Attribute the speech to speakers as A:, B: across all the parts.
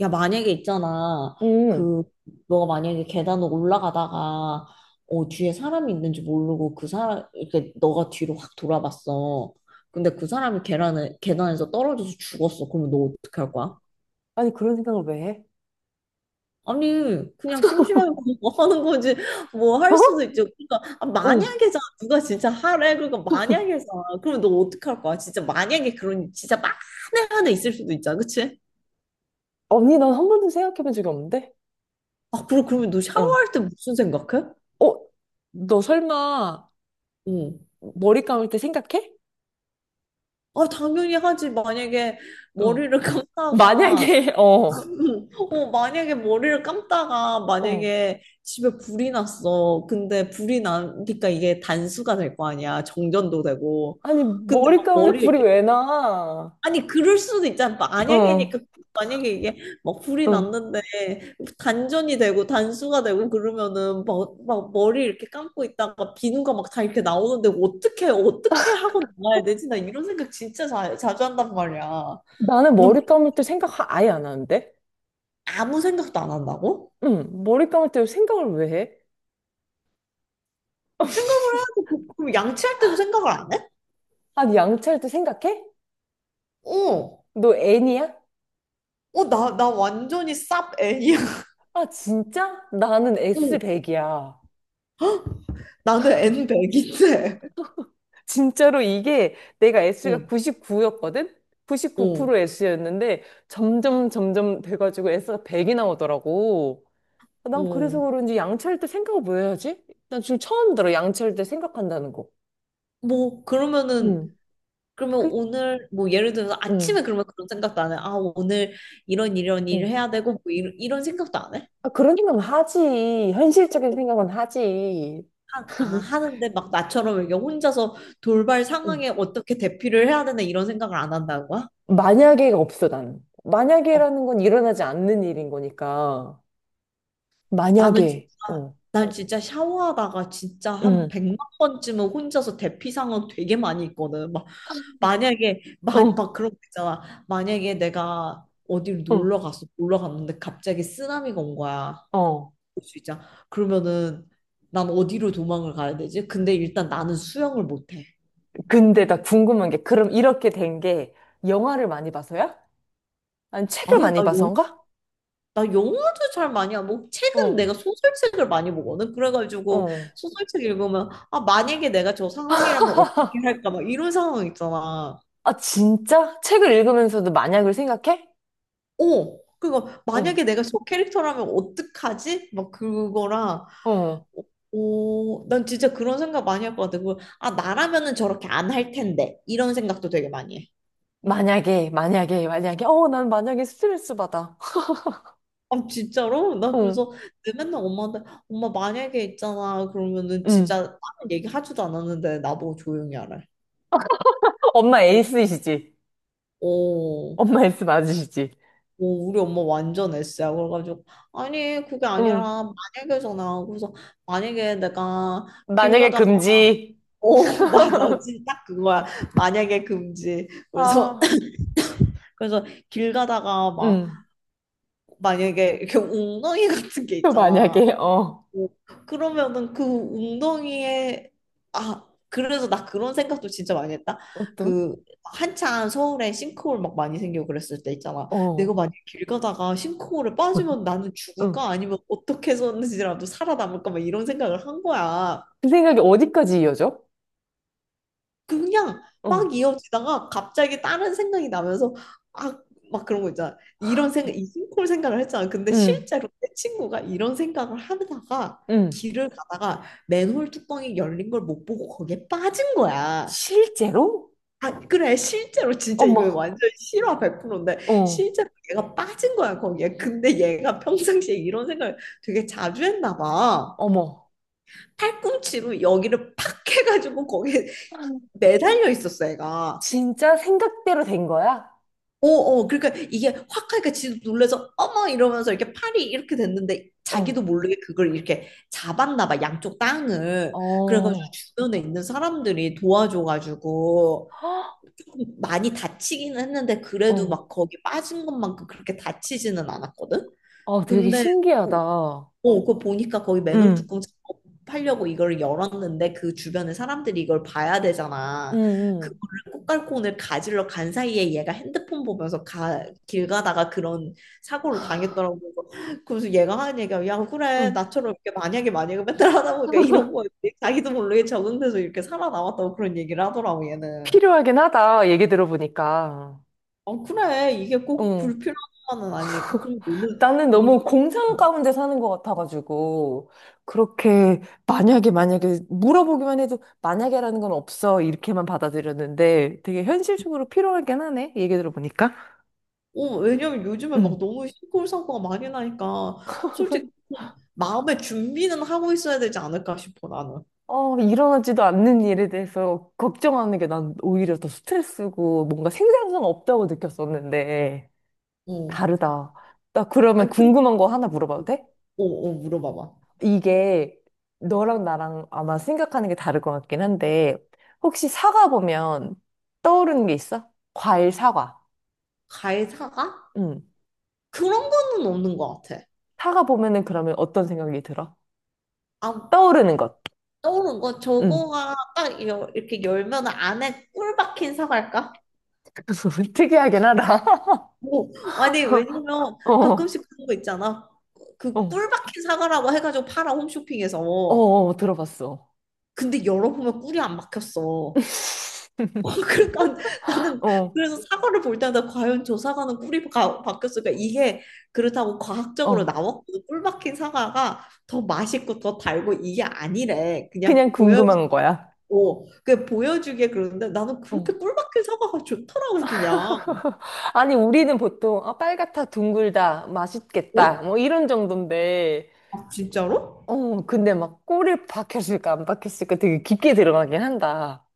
A: 야, 만약에 있잖아.
B: 음.
A: 그, 너가 만약에 계단을 올라가다가, 뒤에 사람이 있는지 모르고 그 사람, 이렇게 너가 뒤로 확 돌아봤어. 근데 그 사람이 계단에서 떨어져서 죽었어. 그러면 너 어떻게 할 거야?
B: 아니, 그런 생각을 왜 해?
A: 아니, 그냥 심심하게 그냥 뭐 하는 거지. 뭐 할 수도 있죠. 그러니까, 아,
B: 응
A: 만약에잖아. 누가 진짜 하래. 그러니까 만약에잖아. 그러면 너 어떻게 할 거야? 진짜 만약에 그런, 진짜 만에 하나 있을 수도 있잖아. 그치?
B: 언니, 난 한 번도 생각해 본 적이 없는데?
A: 아, 그럼, 그러면 너
B: 응
A: 샤워할 때 무슨 생각해?
B: 어, 너 설마
A: 응.
B: 머리 감을 때 생각해?
A: 아, 당연히 하지. 만약에
B: 응
A: 머리를 감다가,
B: 만약에, 어.
A: 만약에 머리를 감다가,
B: 어,
A: 만약에 집에 불이 났어. 근데 불이 나니까 이게 단수가 될 거 아니야. 정전도 되고.
B: 아니,
A: 근데
B: 머리
A: 막
B: 감는데
A: 머리
B: 불이
A: 이렇게.
B: 왜 나?
A: 아니 그럴 수도 있잖아. 만약에니까
B: 응
A: 만약에 이게 막 불이
B: 응
A: 났는데 단전이 되고 단수가 되고 그러면은 막, 막 머리 이렇게 감고 있다가 비누가 막 다 이렇게 나오는데 어떻게 어떻게 하고 나가야 되지? 나 이런 생각 진짜 자주 한단 말이야.
B: 나는
A: 너
B: 머리
A: 그-
B: 감을 때 아예 안 하는데?
A: 아무 생각도 안 한다고?
B: 응, 머리 감을 때 생각을 왜 해?
A: 생각을 해야지. 그- 그럼 양치할 때도 생각을 안 해?
B: 아니, 양치할 때 생각해?
A: 어.
B: 너 N이야?
A: 나 완전히 쌉 N이야.
B: 아, 진짜? 나는
A: 어,
B: S백이야.
A: 나는 N100인데.
B: 진짜로 이게 내가 S가
A: 어,
B: 99였거든?
A: 어,
B: 99% S였는데 점점 점점 돼가지고 S가 100이 나오더라고. 아, 난 그래서
A: 어.
B: 그런지 양치할 때 생각을 뭐 해야지? 난 지금 처음 들어, 양치할 때 생각한다는 거.
A: 뭐 그러면은
B: 응.
A: 그러면
B: 그,
A: 오늘 뭐 예를 들어서 아침에
B: 응,
A: 그러면 그런 생각도 안 해. 아 오늘 이런 일을
B: 응.
A: 해야 되고 뭐 이런, 이런 생각도 안 해?
B: 아, 그런 생각은 하지. 현실적인 생각은 하지.
A: 하, 아 하는데 막 나처럼 이게 혼자서 돌발
B: 응.
A: 상황에 어떻게 대피를 해야 되나 이런 생각을 안 한다는 거야?
B: 만약에가 없어, 나는.
A: 어,
B: 만약에라는 건 일어나지 않는 일인 거니까.
A: 나는 진짜.
B: 만약에, 어.
A: 난 진짜 샤워하다가 진짜 한
B: 응,
A: 백만 번쯤은 혼자서 대피 상황 되게 많이 있거든. 막 만약에 마,
B: 어,
A: 막 그런 거 있잖아. 만약에 내가 어디를
B: 어,
A: 놀러 갔어. 놀러 갔는데 갑자기 쓰나미가 온 거야.
B: 어.
A: 수 있잖아. 그러면은 난 어디로 도망을 가야 되지? 근데 일단 나는 수영을 못해.
B: 근데 나 궁금한 게, 그럼 이렇게 된 게, 영화를 많이 봐서야? 아니, 책을
A: 아니
B: 많이
A: 나 영,
B: 봐서인가?
A: 나 영화도 잘 많이 안 보고 책은
B: 어,
A: 내가 소설책을 많이 보거든. 그래가지고
B: 어.
A: 소설책 읽으면 아 만약에 내가 저 상황이라면 어떻게 할까 막 이런 상황 있잖아.
B: 아, 진짜? 책을 읽으면서도 만약을 생각해?
A: 어 그거
B: 어,
A: 만약에 내가 저 캐릭터라면 어떡하지? 막 그거랑.
B: 어.
A: 오, 난 진짜 그런 생각 많이 할 것 같아. 그리고, 아, 나라면은 저렇게 안 할 텐데. 이런 생각도 되게 많이 해.
B: 만약에, 만약에, 만약에. 어, 난 만약에 스트레스 받아.
A: 아 진짜로? 나
B: 응,
A: 그래서 내 맨날 엄마한테 엄마 만약에 있잖아 그러면은 진짜
B: 응.
A: 다른 얘기 하지도 않았는데 나보고 조용히 하래.
B: 엄마 에이스이시지?
A: 오,
B: 엄마 에이스 맞으시지?
A: 오 우리 엄마 완전 S야. 그래가지고 아니 그게
B: 응.
A: 아니라 만약에잖아. 그래서 만약에 내가 길
B: 만약에
A: 가다가.
B: 금지.
A: 오 맞아. 진짜 딱 그거야. 만약에 금지. 그래서
B: 아,
A: 그래서 길 가다가 막
B: 응.
A: 만약에 이렇게 웅덩이 같은 게
B: 또
A: 있잖아.
B: 만약에, 어.
A: 오, 그러면은 그 웅덩이에. 아 그래서 나 그런 생각도 진짜 많이 했다.
B: 어떤?
A: 그 한창 서울에 싱크홀 막 많이 생기고 그랬을 때 있잖아. 내가
B: 어.
A: 만약 길 가다가 싱크홀에 빠지면 나는
B: 응.
A: 죽을까 아니면 어떻게 해서든지라도 살아남을까 막 이런 생각을 한 거야.
B: 그 생각이 어디까지 이어져?
A: 그냥
B: 어.
A: 막 이어지다가 갑자기 다른 생각이 나면서 아 막 그런 거 있잖아. 이런 생각, 이 심콜 생각을 했잖아. 근데
B: 응.
A: 실제로 내 친구가 이런 생각을 하다가
B: 응.
A: 길을 가다가 맨홀 뚜껑이 열린 걸 못 보고 거기에 빠진 거야.
B: 실제로?
A: 아 그래 실제로 진짜 이거
B: 어머,
A: 완전 실화 100%인데
B: 어,
A: 실제로 얘가 빠진 거야 거기에. 근데 얘가 평상시에 이런 생각을 되게 자주 했나 봐.
B: 어머.
A: 팔꿈치로 여기를 팍 해가지고 거기에 매달려 있었어 얘가.
B: 진짜 생각대로 된 거야?
A: 어, 어, 그러니까 이게 확 하니까 지도 놀라서 어머 이러면서 이렇게 팔이 이렇게 됐는데 자기도
B: 어,
A: 모르게 그걸 이렇게 잡았나 봐, 양쪽 땅을.
B: 어,
A: 그래가지고
B: 어.
A: 주변에 있는 사람들이 도와줘가지고 조금 많이 다치기는 했는데 그래도
B: 어,
A: 막 거기 빠진 것만큼 그렇게 다치지는 않았거든?
B: 아, 되게
A: 근데 뭐
B: 신기하다.
A: 어, 그거 보니까 거기 맨홀
B: 응,
A: 뚜껑 팔려고 이걸 열었는데 그 주변에 사람들이 이걸 봐야
B: 응,
A: 되잖아.
B: 응.
A: 그거를 꽃갈콘을 가지러 간 사이에 얘가 핸드폰 보면서 가, 길 가다가 그런 사고를 당했더라고. 그래서 얘가 하는 얘기가 야, 그래.
B: 응,
A: 나처럼 이렇게 만약에 만약에 맨날 하다 보니까 이런 거였 자기도 모르게 적응돼서 이렇게 살아남았다고 그런 얘기를 하더라고 얘는.
B: 필요하긴 하다. 얘기 들어보니까.
A: 어, 그래. 이게 꼭
B: 응,
A: 불필요한 건 아니니까. 그럼
B: 나는
A: 너는.
B: 너무 공상 가운데 사는 것 같아가지고, 그렇게, 만약에, 만약에, 물어보기만 해도, 만약에라는 건 없어. 이렇게만 받아들였는데, 되게 현실적으로 필요하긴 하네. 얘기 들어보니까.
A: 어, 왜냐면 요즘에 막
B: 응.
A: 너무 시골 사고가 많이 나니까 솔직히 마음의 준비는 하고 있어야 되지 않을까 싶어 나는.
B: 어, 일어나지도 않는 일에 대해서 걱정하는 게 난 오히려 더 스트레스고 뭔가 생산성 없다고 느꼈었는데
A: 어.
B: 다르다. 나 그러면
A: 아니 근데
B: 궁금한 거 하나 물어봐도 돼?
A: 어, 어 물어봐봐.
B: 이게 너랑 나랑 아마 생각하는 게 다를 것 같긴 한데 혹시 사과 보면 떠오르는 게 있어? 과일 사과.
A: 가해사가?
B: 응.
A: 그런 거는 없는 것 같아.
B: 사과 보면은 그러면 어떤 생각이 들어?
A: 아
B: 떠오르는 것.
A: 떠오른 거
B: 응.
A: 저거가 딱 여- 이렇게 열면 안에 꿀 박힌 사과일까?
B: 특이하긴 하다.
A: 뭐 아니 왜냐면
B: 어,
A: 가끔씩 그런 거 있잖아. 그
B: 어,
A: 꿀 박힌 사과라고 해가지고 팔아
B: 어,
A: 홈쇼핑에서.
B: 어, 들어봤어.
A: 근데 열어보면 꿀이 안 박혔어. 그러니까 나는
B: 어.
A: 그래서 사과를 볼 때마다 과연 저 사과는 꿀이 바뀌었을까? 이게 그렇다고 과학적으로
B: 어,
A: 나왔거든. 꿀 박힌 사과가 더 맛있고 더 달고 이게 아니래. 그냥
B: 그냥
A: 보여주고
B: 궁금한 거야.
A: 그 보여주게 그러는데 나는 그렇게
B: 어.
A: 꿀 박힌 사과가 좋더라고 그냥.
B: 아니, 우리는 보통, 아, 빨갛다, 둥글다, 맛있겠다,
A: 어?
B: 뭐 이런 정도인데,
A: 아, 진짜로?
B: 어, 근데 막 꿀이 박혔을까, 안 박혔을까 되게 깊게 들어가긴 한다.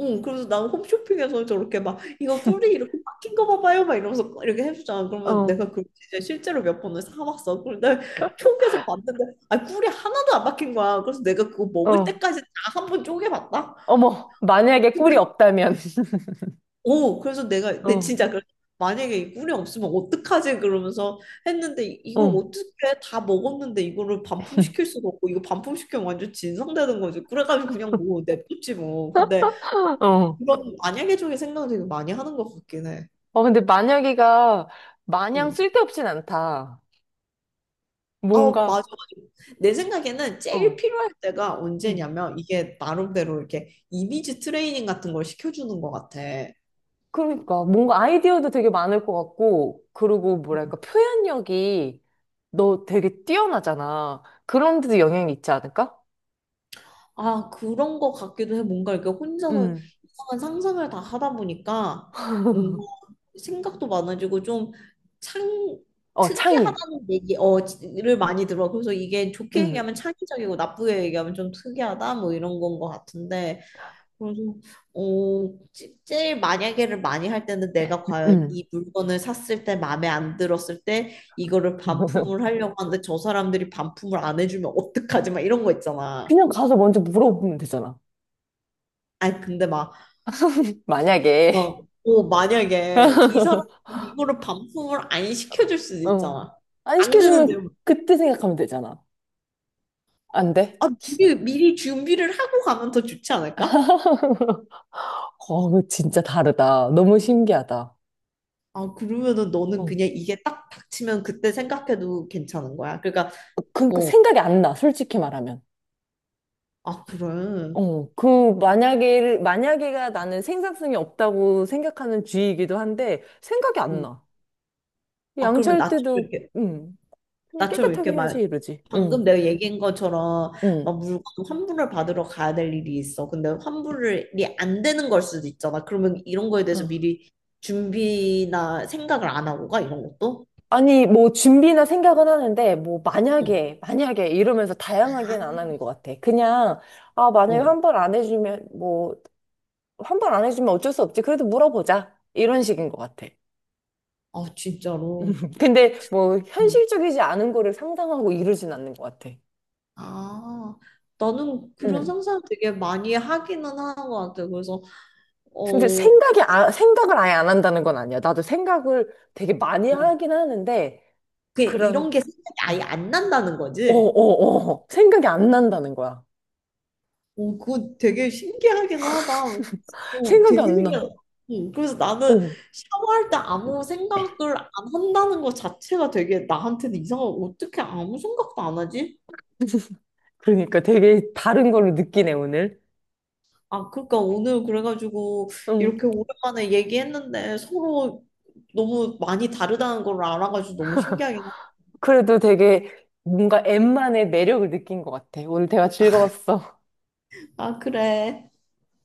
A: 응, 그래서 난 홈쇼핑에서 저렇게 막 이거 꿀이 이렇게 박힌 거 봐봐요 막 이러면서 이렇게 해주잖아. 그러면
B: 어,
A: 내가 그 진짜 실제로 몇 번을 사왔어. 그런데 속에서 봤는데 아 꿀이 하나도 안 박힌 거야. 그래서 내가 그거 먹을
B: 어,
A: 때까지 다 한 번 쪼개봤다.
B: 어머, 만약에 꿀이 없다면,
A: 오, 그래서 내가 내
B: 어,
A: 진짜 그래. 만약에 이 꿀이 없으면 어떡하지? 그러면서 했는데 이- 이걸
B: 어.
A: 어떻게 다 먹었는데 이거를 반품시킬 수도 없고 이거 반품시키면 완전 진상되는 거지. 그래가지고 그냥 뭐 냅뒀지 뭐. 근데
B: 어,
A: 그런 만약에 쪽에 생각 되게 많이 하는 것 같긴 해.
B: 어, 근데 만약에가 마냥
A: 음.
B: 쓸데없진 않다. 뭔가,
A: 어, 맞아, 맞아. 내 생각에는 제일
B: 어.
A: 필요할 때가
B: 응.
A: 언제냐면 이게 나름대로 이렇게 이미지 트레이닝 같은 걸 시켜주는 것 같아.
B: 그러니까 뭔가 아이디어도 되게 많을 것 같고, 그리고 뭐랄까 표현력이 너 되게 뛰어나잖아. 그런 데도 영향이 있지 않을까?
A: 아, 그런 것 같기도 해. 뭔가 이렇게 혼자서
B: 음,
A: 이상한 상상을 다 하다 보니까 뭔가 생각도 많아지고 좀 창,
B: 어, 창의.
A: 특이하다는 얘기, 어, 를 많이 들어. 그래서 이게 좋게
B: 음,
A: 얘기하면 창의적이고 나쁘게 얘기하면 좀 특이하다 뭐 이런 건 것 같은데. 그래서 어, 제- 제일 만약에를 많이 할 때는 내가 과연
B: 음.
A: 이 물건을 샀을 때 마음에 안 들었을 때 이거를 반품을 하려고 하는데 저 사람들이 반품을 안 해주면 어떡하지? 막 이런 거 있잖아.
B: 그냥 가서 먼저 물어보면 되잖아.
A: 아니 근데 막,
B: 만약에.
A: 막 어, 만약에 이 사람이 이거를 반품을 안 시켜줄 수도
B: 어.
A: 있잖아.
B: 안
A: 안 되는데
B: 시켜주면 그때 생각하면 되잖아. 안 돼?
A: 아, 미리 준비를 하고 가면 더 좋지 않을까?
B: 어, 진짜 다르다. 너무 신기하다.
A: 아, 그러면은 너는
B: 어.
A: 그냥 이게 딱 닥치면 그때 생각해도 괜찮은 거야. 그러니까,
B: 그러니까
A: 어,
B: 생각이 안 나, 솔직히 말하면.
A: 아, 그래.
B: 어, 그, 만약에, 만약에가 나는 생산성이 없다고 생각하는 주의이기도 한데, 생각이
A: 어,
B: 안 나.
A: 아, 그러면
B: 양치할
A: 나처럼
B: 때도,
A: 이렇게,
B: 음, 그냥
A: 나처럼
B: 깨끗하게
A: 이렇게
B: 해야지,
A: 막,
B: 이러지.
A: 방금 내가 얘기한 것처럼, 막
B: 음.
A: 물건 환불을 받으러 가야 될 일이 있어. 근데 환불이 안 되는 걸 수도 있잖아. 그러면 이런 거에 대해서
B: 어.
A: 미리 준비나 생각을 안 하고 가, 이런 것도?
B: 아니, 뭐, 준비나 생각은 하는데, 뭐,
A: 어,
B: 만약에, 만약에, 이러면서
A: 아,
B: 다양하게는 안 하는 것 같아. 그냥, 아, 만약에
A: 어.
B: 한 번 안 해주면, 뭐, 한 번 안 해주면 어쩔 수 없지. 그래도 물어보자. 이런 식인 것 같아.
A: 아, 진짜로.
B: 근데, 뭐,
A: 음.
B: 현실적이지 않은 거를 상상하고 이러진 않는 것 같아.
A: 아, 나는 그런
B: 응.
A: 상상을 되게 많이 하기는 하는 것 같아. 그래서,
B: 근데
A: 어,
B: 생각이, 아, 생각을 아예 안 한다는 건 아니야. 나도 생각을 되게 많이
A: 어,
B: 하긴 하는데,
A: 그게 이런
B: 그런,
A: 게 생각이
B: 어,
A: 아예 안 난다는
B: 어,
A: 거지?
B: 어, 생각이 안 난다는 거야.
A: 오, 그거 되게 신기하긴 하다. 어,
B: 생각이
A: 되게
B: 안 나.
A: 신기하다. 응, 그래서 나는
B: 어.
A: 샤워할 때 아무 생각을 안 한다는 것 자체가 되게 나한테는 이상하고 어떻게 아무 생각도 안 하지?
B: 그러니까 되게 다른 걸로 느끼네, 오늘.
A: 아, 그러니까 오늘 그래가지고
B: 응.
A: 이렇게 오랜만에 얘기했는데 서로 너무 많이 다르다는 걸 알아가지고 너무 신기하긴 하.
B: 그래도 되게 뭔가 엠만의 매력을 느낀 것 같아. 오늘 대화 즐거웠어.
A: 아, 그래.